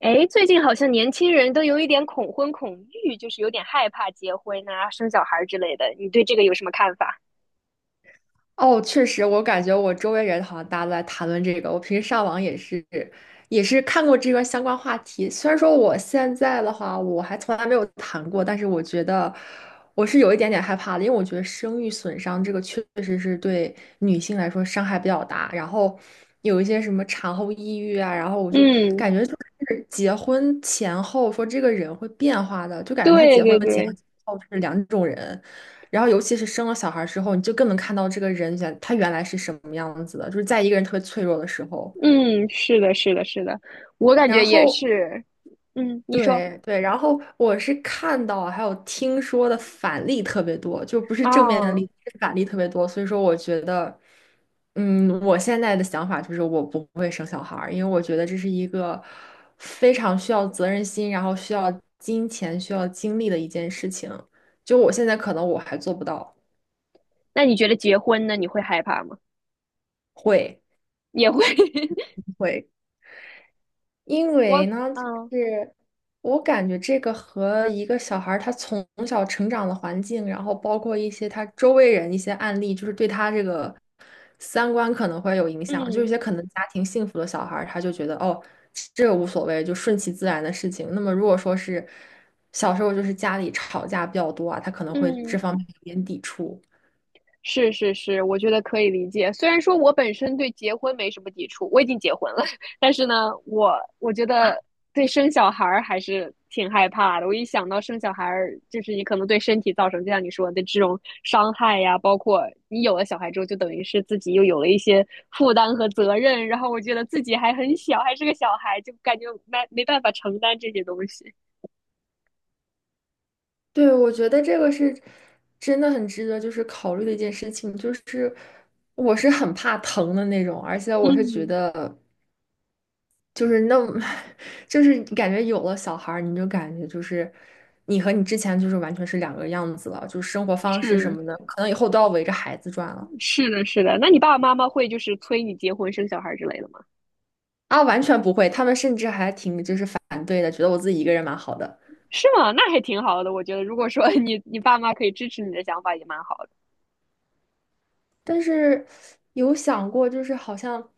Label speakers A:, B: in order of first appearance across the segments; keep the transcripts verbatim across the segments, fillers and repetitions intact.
A: 哎，最近好像年轻人都有一点恐婚恐育，就是有点害怕结婚啊、生小孩儿之类的。你对这个有什么看法？
B: 哦，确实，我感觉我周围人好像大家都在谈论这个。我平时上网也是，也是看过这个相关话题。虽然说我现在的话，我还从来没有谈过，但是我觉得我是有一点点害怕的，因为我觉得生育损伤这个确实是对女性来说伤害比较大。然后有一些什么产后抑郁啊，然后我就
A: 嗯，
B: 感觉就是结婚前后说这个人会变化的，就感觉他
A: 对
B: 结婚
A: 对
B: 前
A: 对，
B: 后是两种人。然后，尤其是生了小孩之后，你就更能看到这个人原他原来是什么样子的，就是在一个人特别脆弱的时候。
A: 嗯，是的，是的，是的，我感觉
B: 然
A: 也
B: 后，
A: 是。嗯，你说，
B: 对对，然后我是看到还有听说的反例特别多，就不是正面的
A: 哦，
B: 例子，是反例特别多。所以说，我觉得，嗯，我现在的想法就是我不会生小孩儿，因为我觉得这是一个非常需要责任心，然后需要金钱、需要精力的一件事情。就我现在可能我还做不到，
A: 那你觉得结婚呢？你会害怕吗？
B: 会。
A: 也会，
B: 会，因
A: 我，
B: 为呢，就
A: 嗯
B: 是我感觉这个和一个小孩儿他从小成长的环境，然后包括一些他周围人一些案例，就是对他这个三观可能会有影响。就有
A: 嗯
B: 些可能家庭幸福的小孩儿，他就觉得哦，这个无所谓，就顺其自然的事情。那么如果说是小时候就是家里吵架比较多啊，他可能会这
A: 嗯。
B: 方面有点抵触。
A: 是是是，我觉得可以理解。虽然说我本身对结婚没什么抵触，我已经结婚了，但是呢，我我觉得对生小孩儿还是挺害怕的。我一想到生小孩儿，就是你可能对身体造成，就像你说的这种伤害呀，包括你有了小孩之后，就等于是自己又有了一些负担和责任。然后我觉得自己还很小，还是个小孩，就感觉没没办法承担这些东西。
B: 对，我觉得这个是真的很值得就是考虑的一件事情，就是我是很怕疼的那种，而且我是觉
A: 嗯，
B: 得就是那么，就是感觉有了小孩儿，你就感觉就是你和你之前就是完全是两个样子了，就是生活方式什
A: 是
B: 么的，可能以后都要围着孩子转了
A: 是的，是的。那你爸爸妈妈会就是催你结婚生小孩之类的吗？
B: 啊，完全不会，他们甚至还挺就是反对的，觉得我自己一个人蛮好的。
A: 是吗？那还挺好的，我觉得，如果说你 你爸妈可以支持你的想法，也蛮好的。
B: 但是有想过，就是好像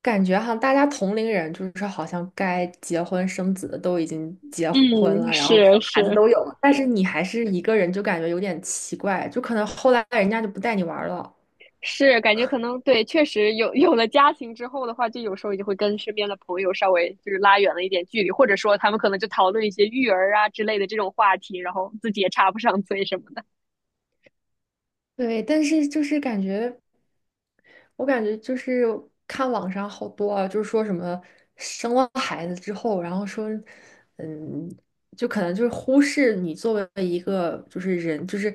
B: 感觉哈，大家同龄人就是好像该结婚生子的都已经结婚
A: 嗯，
B: 了，然后生，
A: 是是
B: 但是你还是一个人，就感觉有点奇怪，就可能后来人家就不带你玩儿了。
A: 是，感觉可能对，确实有 有了家庭之后的话，就有时候也会跟身边的朋友稍微就是拉远了一点距离，或者说他们可能就讨论一些育儿啊之类的这种话题，然后自己也插不上嘴什么的。
B: 对，但是就是感觉。我感觉就是看网上好多啊，就是说什么生了孩子之后，然后说，嗯，就可能就是忽视你作为一个就是人，就是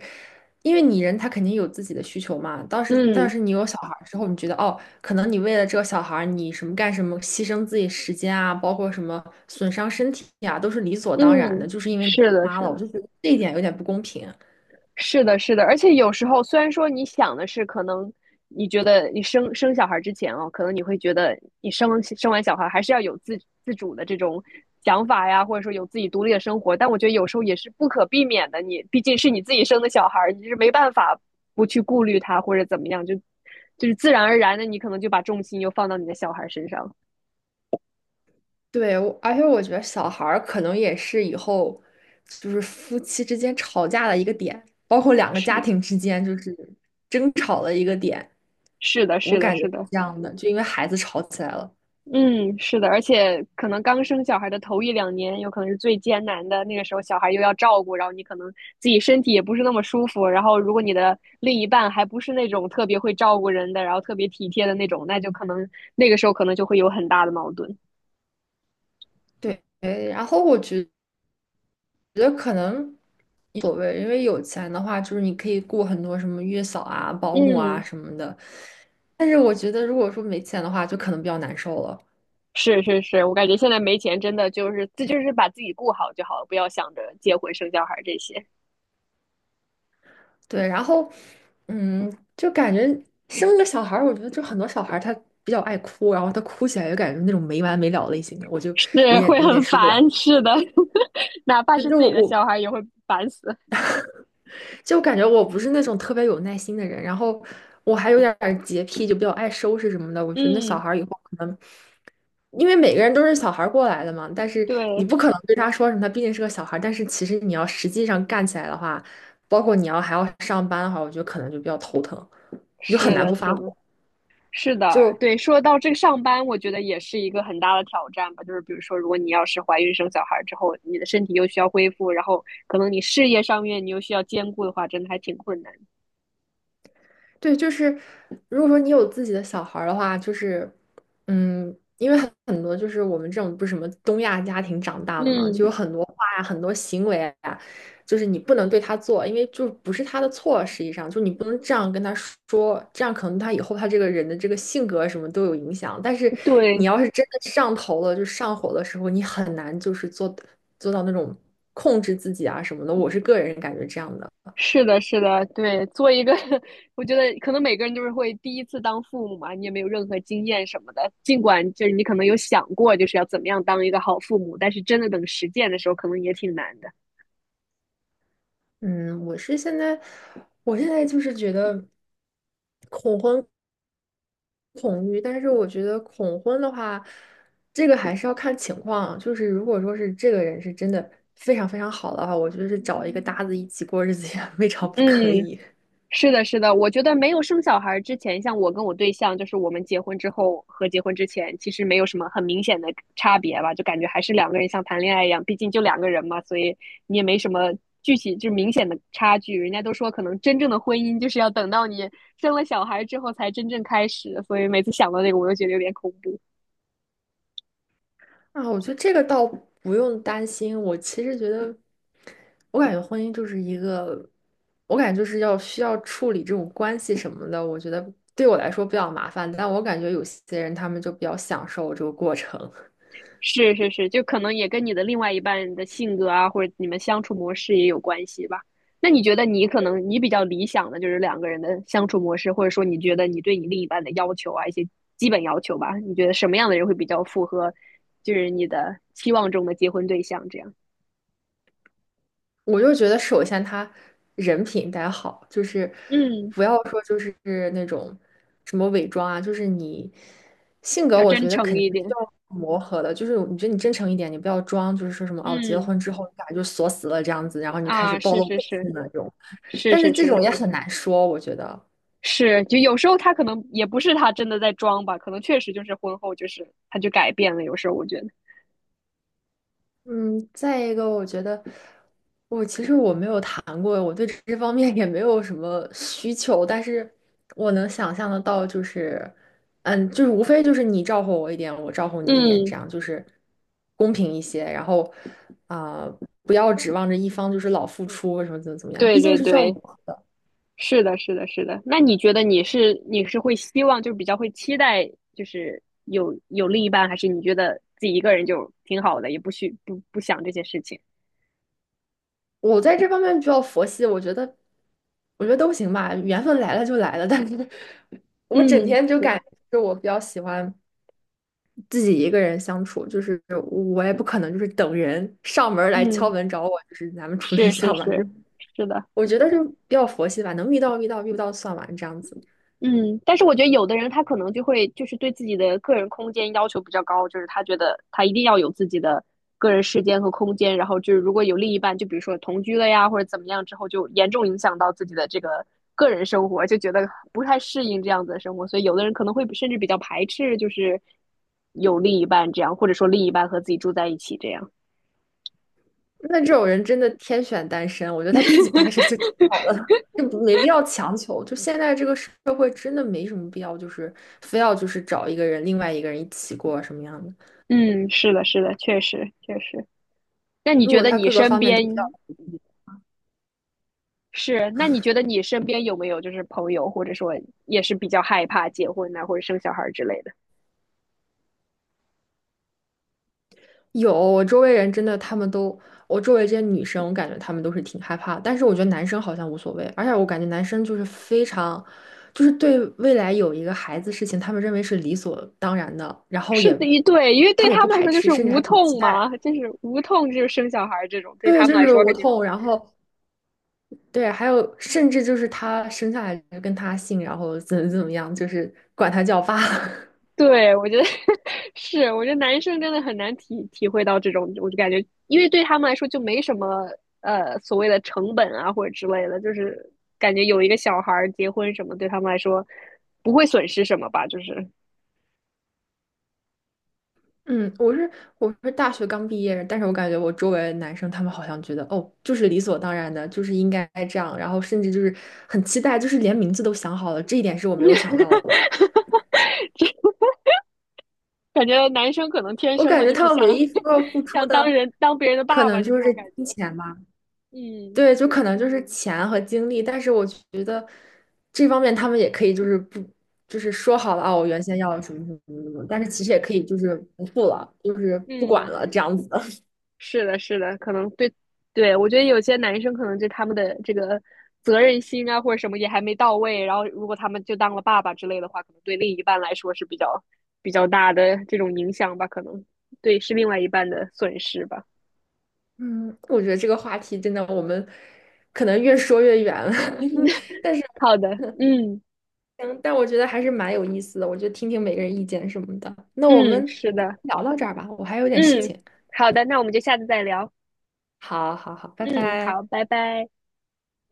B: 因为你人他肯定有自己的需求嘛。当时但
A: 嗯
B: 是你有小孩儿之后，你觉得哦，可能你为了这个小孩儿你什么干什么，牺牲自己时间啊，包括什么损伤身体啊，都是理所当然的，
A: 嗯，
B: 就是因为你
A: 是
B: 当
A: 的，
B: 妈
A: 是
B: 了。我
A: 的。
B: 就觉得这一点有点不公平。
A: 是的，是的，而且有时候虽然说你想的是，可能你觉得你生生小孩之前哦，可能你会觉得你生生完小孩还是要有自自主的这种想法呀，或者说有自己独立的生活，但我觉得有时候也是不可避免的，你毕竟是你自己生的小孩，你是没办法不去顾虑他或者怎么样，就就是自然而然的，你可能就把重心又放到你的小孩身上。
B: 对，我而且我觉得小孩儿可能也是以后就是夫妻之间吵架的一个点，包括两个家
A: 是
B: 庭之间就是争吵的一个点，
A: 是的，
B: 我
A: 是的，
B: 感觉
A: 是
B: 是
A: 的，
B: 这样的，就因为孩子吵起来了。
A: 嗯，是的，而且可能刚生小孩的头一两年，有可能是最艰难的。那个时候，小孩又要照顾，然后你可能自己身体也不是那么舒服。然后，如果你的另一半还不是那种特别会照顾人的，然后特别体贴的那种，那就可能那个时候可能就会有很大的矛盾。
B: 对，然后我觉得可能无所谓，因为有钱的话，就是你可以雇很多什么月嫂啊、保姆啊
A: 嗯，
B: 什么的，但是我觉得如果说没钱的话，就可能比较难受了。
A: 是是是，我感觉现在没钱真的就是这就是把自己顾好就好了，不要想着结婚生小孩这些，
B: 对，然后，嗯，就感觉生个小孩儿，我觉得就很多小孩儿他比较爱哭，然后他哭起来就感觉那种没完没了类型的，我 就有
A: 是
B: 点
A: 会
B: 有点
A: 很
B: 受不了。
A: 烦。是的，哪怕是自己的小孩也会烦死。
B: 就感觉我不是那种特别有耐心的人，然后我还有点儿洁癖，就比较爱收拾什么的。我觉得那小
A: 嗯，
B: 孩儿以后可能，因为每个人都是小孩儿过来的嘛，但是你
A: 对。
B: 不可能对他说什么，他毕竟是个小孩儿。但是其实你要实际上干起来的话，包括你要还要上班的话，我觉得可能就比较头疼，你就很
A: 是
B: 难
A: 的，
B: 不发
A: 是
B: 火。
A: 的，是的，
B: 就
A: 对。说到这个上班，我觉得也是一个很大的挑战吧。就是比如说，如果你要是怀孕生小孩之后，你的身体又需要恢复，然后可能你事业上面你又需要兼顾的话，真的还挺困难。
B: 对，就是如果说你有自己的小孩儿的话，就是嗯，因为很很多就是我们这种不是什么东亚家庭长大的嘛，
A: 嗯，
B: 就有很多话呀、很多行为啊，就是你不能对他做，因为就不是他的错，实际上就你不能这样跟他说，这样可能他以后他这个人的这个性格什么都有影响。但是你
A: 对，
B: 要是真的上头了，就上火的时候，你很难就是做做到那种控制自己啊什么的。我是个人感觉这样的。
A: 是的，是的，对。做一个，我觉得可能每个人都是会第一次当父母嘛，你也没有任何经验什么的。尽管就是你可能有想过就是要怎么样当一个好父母，但是真的等实践的时候，可能也挺难的。
B: 嗯，我是现在，我现在就是觉得恐育，但是我觉得恐婚的话，这个还是要看情况。就是如果说是这个人是真的非常非常好的话，我觉得是找一个搭子一起过日子也 未尝不可
A: 嗯，
B: 以。
A: 是的，是的，我觉得没有生小孩之前，像我跟我对象，就是我们结婚之后和结婚之前，其实没有什么很明显的差别吧，就感觉还是两个人像谈恋爱一样，毕竟就两个人嘛，所以你也没什么具体就明显的差距。人家都说，可能真正的婚姻就是要等到你生了小孩之后才真正开始，所以每次想到这个，我就觉得有点恐怖。
B: 啊，我觉得这个倒不用担心。我其实觉得，我感觉婚姻就是一个，我感觉就是要需要处理这种关系什么的。我觉得对我来说比较麻烦，但我感觉有些人他们就比较享受这个过程。
A: 是是是，就可能也跟你的另外一半的性格啊，或者你们相处模式也有关系吧。那你觉得你可能你比较理想的就是两个人的相处模式，或者说你觉得你对你另一半的要求啊，一些基本要求吧，你觉得什么样的人会比较符合，就是你的期望中的结婚对象这样？
B: 我就觉得首先他人品得好，就是
A: 嗯，
B: 不要说就是那种什么伪装啊，就是你性格，
A: 要
B: 我
A: 真
B: 觉得
A: 诚
B: 肯定
A: 一
B: 是需
A: 点。
B: 要磨合的。就是你觉得你真诚一点，你不要装，就是说什么哦，结了
A: 嗯，
B: 婚之后你俩就锁死了这样子，然后你就开始
A: 啊，
B: 暴
A: 是
B: 露
A: 是
B: 本性
A: 是
B: 的那种。
A: 是
B: 但是
A: 是
B: 这
A: 是
B: 种也很难说，我觉得。
A: 是，就有时候他可能也不是他真的在装吧，可能确实就是婚后就是他就改变了，有时候我觉得，
B: 嗯，再一个，我觉得我其实我没有谈过，我对这方面也没有什么需求，但是我能想象得到，就是，嗯，就是无非就是你照顾我一点，我照顾你一点，
A: 嗯。
B: 这样就是公平一些，然后啊、不要指望着一方就是老付出什么怎么怎么样，
A: 对
B: 毕竟
A: 对
B: 是需要磨
A: 对，
B: 合的。
A: 是的，是的，是的。那你觉得你是你是会希望就是比较会期待就是有有另一半，还是你觉得自己一个人就挺好的，也不需不不想这些事情？
B: 我在这方面比较佛系，我觉得我觉得都行吧，缘分来了就来了，但是 我整
A: 嗯，
B: 天就感
A: 是，
B: 觉是我比较喜欢。自己一个人相处，就是我也不可能就是等人上门来敲
A: 嗯，
B: 门找我，就是咱们处对
A: 是是
B: 象吧。就是
A: 是是的。
B: 我觉得就比较佛系吧，能遇到遇到，遇不到算完这样子。
A: 嗯，但是我觉得有的人他可能就会就是对自己的个人空间要求比较高，就是他觉得他一定要有自己的个人时间和空间，然后就是如果有另一半，就比如说同居了呀或者怎么样之后，就严重影响到自己的这个个人生活，就觉得不太适应这样子的生活，所以有的人可能会甚至比较排斥，就是有另一半这样，或者说另一半和自己住在一起这样。
B: 那这种人真的天选单身，我觉得他自己单身就挺好的了，就没必要强求。就现在这个社会真的没什么必要，就是非要就是找一个人，另外一个人一起过什么样的。
A: 嗯，是的，是的，确实确实。那你
B: 如
A: 觉
B: 果
A: 得
B: 他
A: 你
B: 各个
A: 身
B: 方面都比较，
A: 边是，那你觉得你身边有没有就是朋友，或者说也是比较害怕结婚呐、或者生小孩之类的？
B: 有，我周围人真的，他们都，我周围这些女生，我感觉他们都是挺害怕但是我觉得男生好像无所谓，而且我感觉男生就是非常，就是对未来有一个孩子事情，他们认为是理所当然的，然后
A: 是
B: 也，
A: 的，一对，因为
B: 他
A: 对
B: 们也
A: 他
B: 不
A: 们来
B: 排
A: 说就
B: 斥，
A: 是
B: 甚至
A: 无
B: 还挺期
A: 痛
B: 待。
A: 嘛，就是无痛就是生小孩这种，对
B: 对，
A: 他
B: 就
A: 们来
B: 是
A: 说
B: 无
A: 肯定。
B: 痛，然后对，还有甚至就是他生下来就跟他姓，然后怎么怎么样，就是管他叫爸。
A: 对，我觉得 是，我觉得男生真的很难体体会到这种，我就感觉，因为对他们来说就没什么呃所谓的成本啊或者之类的，就是感觉有一个小孩儿结婚什么，对他们来说不会损失什么吧，就是。
B: 嗯，我是我是大学刚毕业，但是我感觉我周围的男生他们好像觉得哦，就是理所当然的，就是应该这样，然后甚至就是很期待，就是连名字都想好了，这一点是我没有想到的。
A: 这感觉男生可能天
B: 我
A: 生
B: 感
A: 的
B: 觉
A: 就是
B: 他们
A: 像
B: 唯一需要付 出
A: 像当
B: 的
A: 人当别人的
B: 可
A: 爸爸，
B: 能
A: 就
B: 就
A: 这
B: 是
A: 种感觉。
B: 金钱吧，
A: 嗯
B: 对，就可能就是钱和精力，但是我觉得这方面他们也可以就是不就是说好了啊，我原先要什么什么什么，但是其实也可以就是不付了，就是不管
A: 嗯，
B: 了这样子。
A: 是的，是的，可能对对，我觉得有些男生可能就他们的这个责任心啊或者什么也还没到位，然后如果他们就当了爸爸之类的话，可能对另一半来说是比较比较大的这种影响吧，可能对是另外一半的损失吧。
B: 嗯，我觉得这个话题真的，我们可能越说越远了，但是，
A: 好的，嗯
B: 嗯，但我觉得还是蛮有意思的，我就听听每个人意见什么的。那我
A: 嗯，
B: 们
A: 是的，
B: 聊到这儿吧，我还有点事
A: 嗯，
B: 情。
A: 好的，那我们就下次再聊。
B: 好好好，拜
A: 嗯，
B: 拜。
A: 好，拜拜。